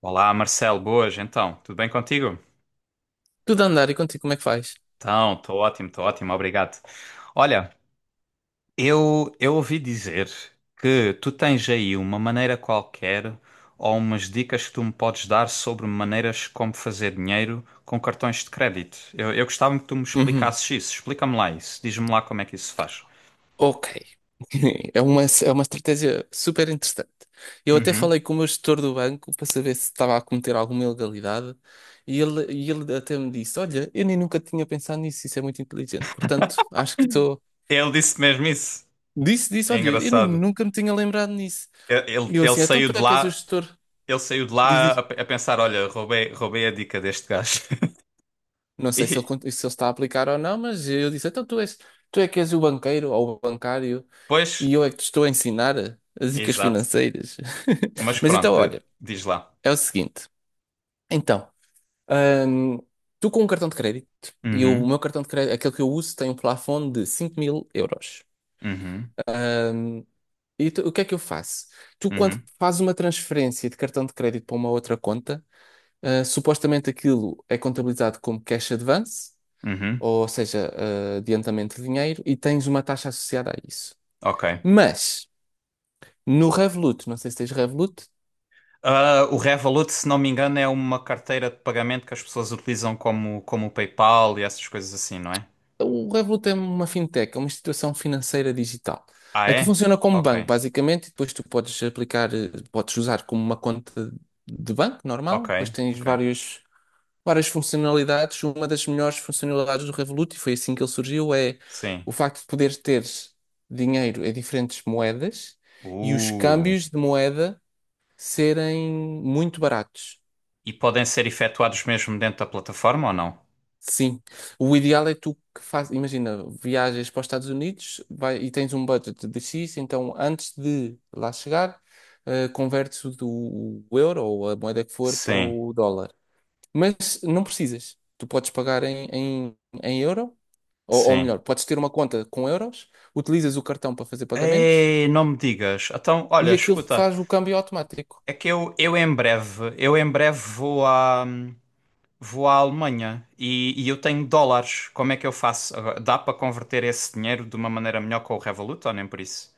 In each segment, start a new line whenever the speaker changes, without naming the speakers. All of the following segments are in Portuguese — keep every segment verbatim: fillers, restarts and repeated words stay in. Olá, Marcelo, boas, então, tudo bem contigo?
Tudo a andar e contigo, como é que faz?
Então, estou ótimo, estou ótimo, obrigado. Olha, eu, eu ouvi dizer que tu tens aí uma maneira qualquer ou umas dicas que tu me podes dar sobre maneiras como fazer dinheiro com cartões de crédito. Eu, eu gostava que tu me
Uhum.
explicasses isso, explica-me lá isso, diz-me lá como é que isso se faz.
Ok. É uma, é uma estratégia super interessante. Eu até
Uhum.
falei com o meu gestor do banco para saber se estava a cometer alguma ilegalidade e ele, e ele até me disse: Olha, eu nem nunca tinha pensado nisso, isso é muito inteligente. Portanto, acho que estou.
Ele disse mesmo isso.
Disse, disse:
É
Olha, eu nem
engraçado.
nunca me tinha lembrado nisso.
Ele, ele-
E eu
ele
assim: Então
saiu
tu
de
é que és o
lá,
gestor?
ele saiu de
Diz
lá a,
isso.
a pensar, olha, roubei, roubei a dica deste gajo.
Não sei se ele,
E,
cont- se ele está a aplicar ou não, mas eu disse: Então tu és, tu é que és o banqueiro ou o bancário. E
Pois,
eu é que te estou a ensinar as dicas
exato.
financeiras.
Mas
Mas
pronto,
então,
de-
olha,
diz lá.
é o seguinte. Então, hum, tu com um cartão de crédito, e o
Uhum,
meu cartão de crédito, aquele que eu uso, tem um plafond de cinco mil euros.
uhum,
Hum, e tu- o que é que eu faço? Tu, quando
uhum,
fazes uma transferência de cartão de crédito para uma outra conta, ah, supostamente aquilo é contabilizado como cash advance,
uhum.
ou seja, ah, adiantamento de dinheiro, e tens uma taxa associada a isso.
Ok.
Mas no Revolut, não sei se tens Revolut.
Ah, o Revolut, se não me engano, é uma carteira de pagamento que as pessoas utilizam como, como o PayPal e essas coisas assim, não é?
O Revolut é uma fintech, é uma instituição financeira digital.
Ah,
Aqui
é?
funciona como
Ok,
banco, basicamente, e depois tu podes aplicar, eh, podes usar como uma conta de banco
ok,
normal, depois tens
ok.
vários, várias funcionalidades. Uma das melhores funcionalidades do Revolut, e foi assim que ele surgiu, é
Sim.
o facto de poderes ter dinheiro em diferentes moedas e os
Uh.
câmbios de moeda serem muito baratos.
E podem ser efetuados mesmo dentro da plataforma ou não?
Sim, o ideal é tu que faz, imagina, viajas para os Estados Unidos vai, e tens um budget de X, então antes de lá chegar, eh, convertes o, do- o euro ou a moeda que for para
Sim,
o dólar. Mas não precisas, tu podes pagar em, em, em euro, ou, ou
sim.
melhor, podes ter uma conta com euros, utilizas o cartão para fazer pagamentos
Ei, não me digas. Então, olha,
e aquilo
escuta,
faz o câmbio automático.
é que eu, eu em breve, eu em breve vou à, hum, vou à Alemanha e, e eu tenho dólares. Como é que eu faço? Dá para converter esse dinheiro de uma maneira melhor com o Revolut ou nem por isso?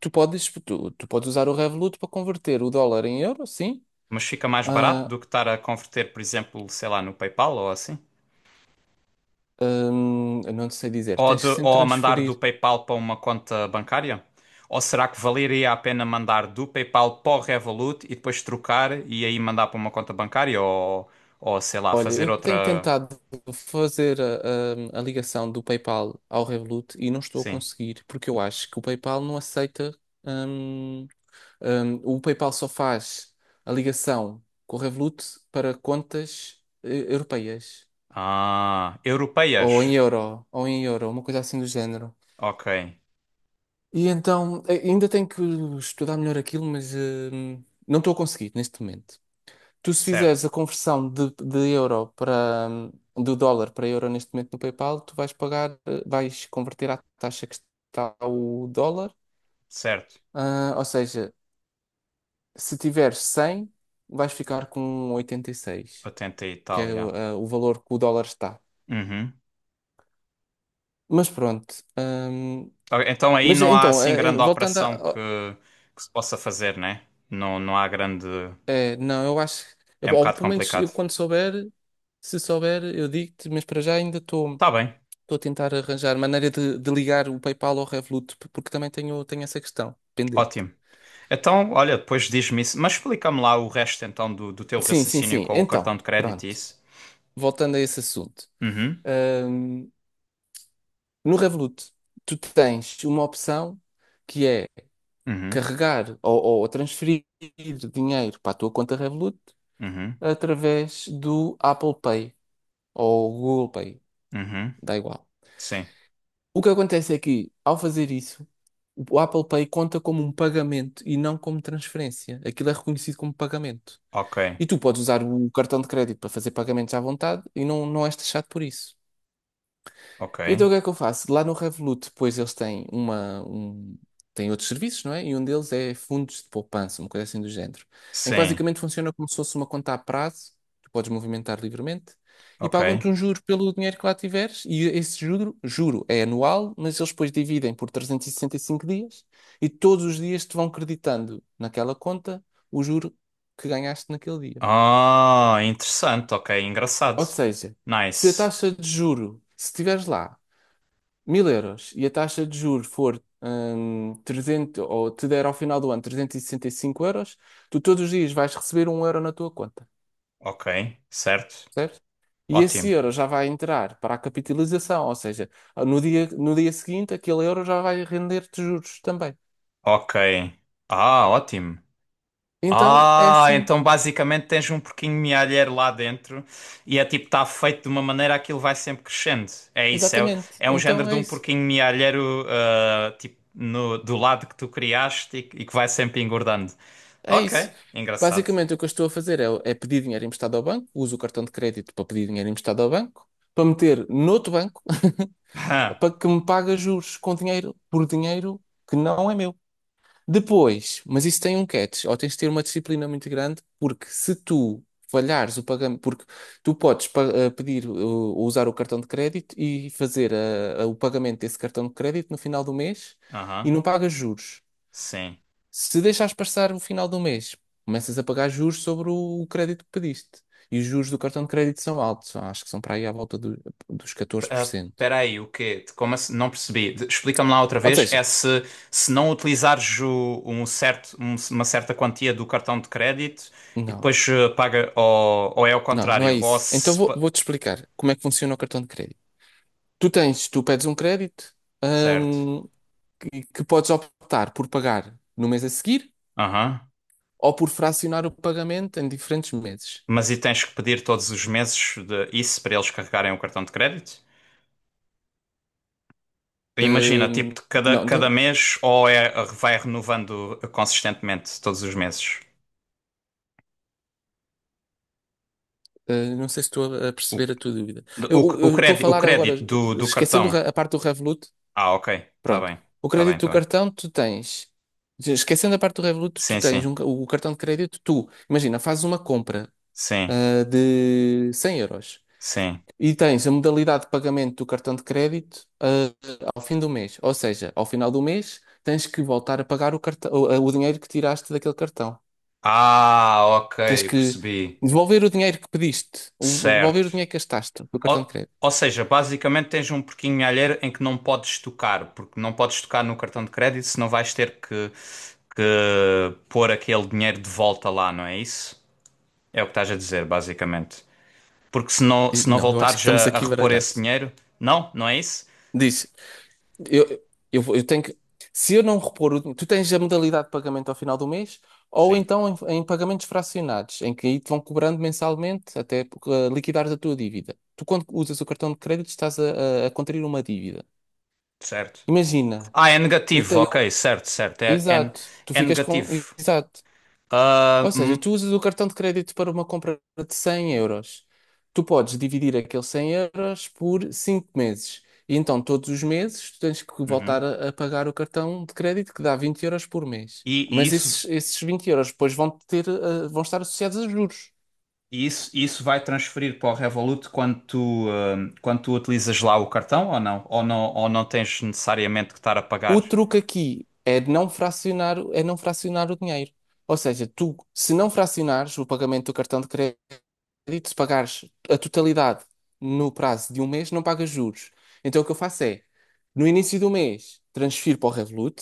Tu podes, tu, tu podes usar o Revolut para converter o dólar em euro, sim.
Mas fica mais barato
Ah,
do que estar a converter, por exemplo, sei lá, no PayPal ou assim?
Hum, eu não te sei dizer,
Ou,
tens
de,
que sempre
ou a mandar do
transferir.
PayPal para uma conta bancária? Ou será que valeria a pena mandar do PayPal para o Revolut e depois trocar e aí mandar para uma conta bancária? Ou, ou sei lá,
Olha,
fazer
eu tenho
outra.
tentado fazer a, a- a ligação do PayPal ao Revolut e não estou a
Sim.
conseguir, porque eu acho que o PayPal não aceita. hum, hum, o PayPal só faz a ligação com o Revolut para contas eh, europeias,
Ah,
ou em
europeias.
euro, ou em euro, uma coisa assim do género.
Ok.
E então, eh, ainda tenho que estudar melhor aquilo, mas hum, não estou a conseguir neste momento. Tu se fizeres
Certo,
a conversão de, de euro para, hum, do dólar para euro neste momento no PayPal, tu vais pagar, eh, vais converter à taxa que está o dólar.
certo.
Ah, ou seja, se tiveres cem, vais ficar com oitenta e seis,
oitenta e
que
tal,
é o
yeah.
ah, o valor que o dólar está.
Uhum.
Mas pronto. hum,
Ok, então aí
mas
não há
então,
assim
eh, em-
grande
voltando
operação
a.
que,
Oh,
que se possa fazer, né? Não, não há grande.
é, não, eu acho.
É
eu-
um
Ou
bocado
pelo menos
complicado.
eu quando souber, se souber, eu digo-te, mas para já ainda estou.
Tá bem,
Estou a tentar arranjar maneira de, de ligar o PayPal ao Revolut, p- porque também tenho, tenho essa questão pendente.
ótimo. Então, olha, depois diz-me isso. Mas explica-me lá o resto então do, do teu
Sim, sim,
raciocínio
sim.
com o cartão
Então,
de crédito e
pronto.
isso.
Voltando a esse assunto.
Uhum,
Ahm, no Revolut, tu tens uma opção que é
uhum,
carregar ou, ou transferir dinheiro para a tua conta Revolut
uhum,
através do Apple Pay ou Google Pay.
uhum.
Dá igual.
Sim.
O que acontece é que, ao fazer isso, o Apple Pay conta como um pagamento e não como transferência. Aquilo é reconhecido como pagamento.
Ok,
E tu podes usar o cartão de crédito para fazer pagamentos à vontade e não, não és taxado por isso.
ok.
Então o que é que eu faço? Lá no Revolut, depois eles têm uma, um, têm outros serviços, não é? E um deles é fundos de poupança, uma coisa assim do género. Em que
Sim,
basicamente funciona como se fosse uma conta a prazo, tu podes movimentar livremente, e
ok.
pagam-te um juro pelo dinheiro que lá tiveres, e esse juro, juro é anual, mas eles depois dividem por trezentos e sessenta e cinco dias, e todos os dias te vão creditando naquela conta o juro que ganhaste naquele dia.
Ah, interessante, ok. Engraçado.
Ou seja, se a
Nice.
taxa de juro, se estiveres lá mil euros e a taxa de juros for hum, trezentos, ou te der ao final do ano trezentos e sessenta e cinco euros, tu todos os dias vais receber um euro na tua conta,
Ok, certo.
certo? E esse
Ótimo.
euro já vai entrar para a capitalização, ou seja, no dia, no dia seguinte aquele euro já vai render-te juros também.
Ok. Ah, ótimo.
Então é
Ah,
assim,
então basicamente tens um porquinho mealheiro lá dentro e é tipo, está feito de uma maneira aquilo vai sempre crescendo. É isso, é,
exatamente.
é um género
Então
de
é
um
isso,
porquinho mealheiro ah, tipo, no, do lado que tu criaste e, que e que vai sempre engordando.
é
Ok,
isso.
engraçado.
Basicamente o que eu estou a fazer é, é pedir dinheiro emprestado ao banco, uso o cartão de crédito para pedir dinheiro emprestado ao banco, para meter noutro banco. É para que me paga juros com dinheiro, por dinheiro que não é meu. Depois, mas isso tem um catch, ou tens de ter uma disciplina muito grande, porque se tu falhares o pagamento, porque tu podes pa- eh, pedir eh, ou usar o cartão de crédito e fazer eh, eh, o pagamento desse cartão de crédito no final do mês e
Aham,
não pagas juros.
sim.
Se deixares passar o final do mês, começas a pagar juros sobre o o crédito que pediste. E os juros do cartão de crédito são altos, acho que são para aí à volta do- dos
P-
catorze por
ah,
cento
Peraí, o quê? De- Como assim? Não percebi. De- Explica-me lá outra
Ou
vez.
seja,
É se, se não utilizares o- um certo, um- uma certa quantia do cartão de crédito e
não.
depois eh, paga, ou, ou é ao
Não, não é
contrário, ou
isso. Então
se...
vou,
pa-
vou-te explicar como é que funciona o cartão de crédito. Tu tens, tu pedes um crédito,
Certo.
hum, que, que podes optar por pagar no mês a seguir
Aham.
ou por fracionar o pagamento em diferentes meses.
Mas e tens que pedir todos os meses de isso para eles carregarem o cartão de crédito? Imagina, tipo,
Hum,
de cada,
não,
cada
então,
mês ou é, vai renovando consistentemente todos os meses?
eh, não sei se estou a a
O,
perceber a tua dúvida.
o,
Eu
o
eu estou a
crédito, o
falar agora,
crédito do, do
esquecendo o
cartão.
re- a parte do Revolut,
Ah, ok. Tá
pronto.
bem.
O
Tá bem,
crédito do
tá bem.
cartão, tu tens. Esquecendo a parte do Revolut, tu
Sim,
tens
sim.
um ca- o cartão de crédito, tu, imagina, fazes uma compra
Sim,
ah, de cem euros.
sim.
E tens a modalidade de pagamento do cartão de crédito, ah, ao fim do mês. Ou seja, ao final do mês tens que voltar a pagar o cartão, o o dinheiro que tiraste daquele cartão.
Ah, ok.
Tens que
Percebi.
devolver o dinheiro que pediste, o- devolver
Certo.
o dinheiro que gastaste do cartão de
Ou,
crédito.
ou seja, basicamente tens um porquinho alheiro em que não podes tocar, porque não podes tocar no cartão de crédito, senão vais ter que, que pôr aquele dinheiro de volta lá, não é isso? É o que estás a dizer, basicamente. Porque se não,
E,
se não
não, eu acho que
voltares a,
estamos
a
aqui
repor esse
baralhados.
dinheiro, não, não é isso?
Diz, Eu, eu, vou- eu tenho que. Se eu não repor o. Tu tens a modalidade de pagamento ao final do mês, ou
Sim,
então em, em pagamentos fracionados, em que aí te vão cobrando mensalmente até uh, liquidares a tua dívida. Tu, quando usas o cartão de crédito, estás a, a, a contrair uma dívida.
certo.
Imagina,
Ah, é
eu
negativo, ok,
tenho.
certo, certo. É, é,
Exato, tu
é
ficas com.
negativo.
Exato.
Ah,
Ou seja,
hum,
tu usas o cartão de crédito para uma compra de cem euros. Tu podes dividir aqueles cem euros por cinco meses. E então, todos os meses, tu tens que voltar
uhum.
a, a pagar o cartão de crédito, que dá vinte euros por mês.
E, e
Mas
isso,
esses, esses vinte euros depois vão ter, eh, vão estar associados a juros.
e isso, e isso vai transferir para o Revolut quando tu, ah, quando tu utilizas lá o cartão ou não? Ou não, ou não tens necessariamente que estar a
O
pagar?
truque aqui é de não fracionar, é não fracionar o dinheiro. Ou seja, tu, se não fracionares o pagamento do cartão de crédito, crédito, se pagares a totalidade no prazo de um mês, não pagas juros. Então o que eu faço é, no início do mês, transfiro para o Revolut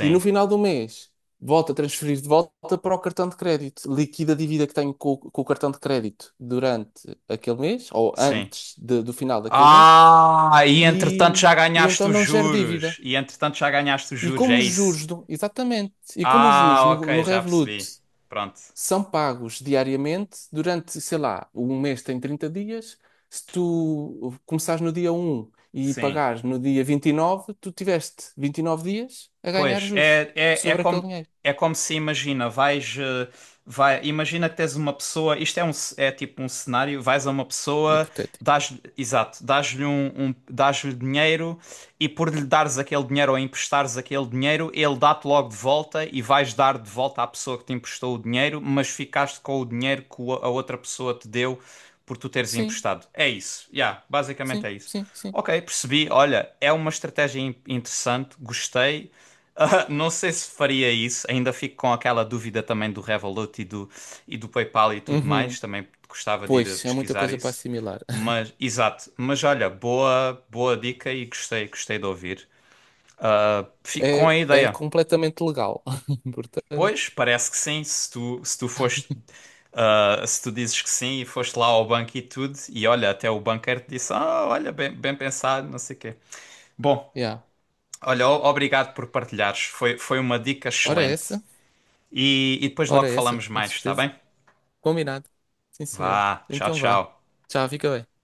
e no final do mês, volto a transferir de volta para o cartão de crédito. Liquido a dívida que tenho com, o com o cartão de crédito durante aquele mês, ou
sim.
antes de- do final daquele mês,
Ah, e entretanto
e,
já
e
ganhaste
então
os
não gero dívida.
juros. E entretanto já ganhaste os
E
juros,
como
é
os
isso.
juros, do- exatamente, e como os juros
Ah,
no, no
ok, já
Revolut
percebi. Pronto.
são pagos diariamente durante, sei lá, um mês tem trinta dias. Se tu começares no dia um e
Sim.
pagares no dia vinte e nove tu tiveste vinte e nove dias a ganhar
Pois,
juros
é, é, é
sobre aquele
como,
dinheiro.
é como se imagina, vais, eh, vai, imagina que tens uma pessoa, isto é, um, ce- é tipo um cenário, vais a uma pessoa,
Hipotético.
dás, exato, dás-lhe um, um, dás-lhe dinheiro e por lhe dares aquele dinheiro ou emprestares aquele dinheiro, ele dá-te logo de volta e vais dar de volta à pessoa que te emprestou o dinheiro, mas ficaste com o dinheiro que o- a outra pessoa te deu por tu teres
Sim,
emprestado. É isso, yeah, basicamente é
sim,
isso.
sim, sim.
Ok, percebi. Olha, é uma estratégia in- interessante, gostei. Ah, não sei se faria isso, ainda fico com aquela dúvida também do Revolut e do, e do PayPal e tudo mais,
Uhum.
também gostava de ir a
Pois, é muita
pesquisar
coisa para
isso.
assimilar.
Mas, exato, mas olha, boa, boa dica e gostei, gostei de ouvir. Ah, fico com
É,
a
é
ideia.
completamente legal.
Pois,
Portanto,
parece que sim, se tu, se tu foste, ah, se tu dizes que sim e foste lá ao banco e tudo, e olha, até o banqueiro te disse, ah, olha, bem, bem pensado, não sei o quê. Bom,
yeah.
olha, o- obrigado por partilhares, foi, foi uma dica
Ora
excelente.
essa,
E, e depois logo
ora essa,
falamos
com
mais, está
certeza.
bem?
Combinado. Sim, senhor.
Vá, tchau,
Então vá.
tchau.
Tchau, fica bem.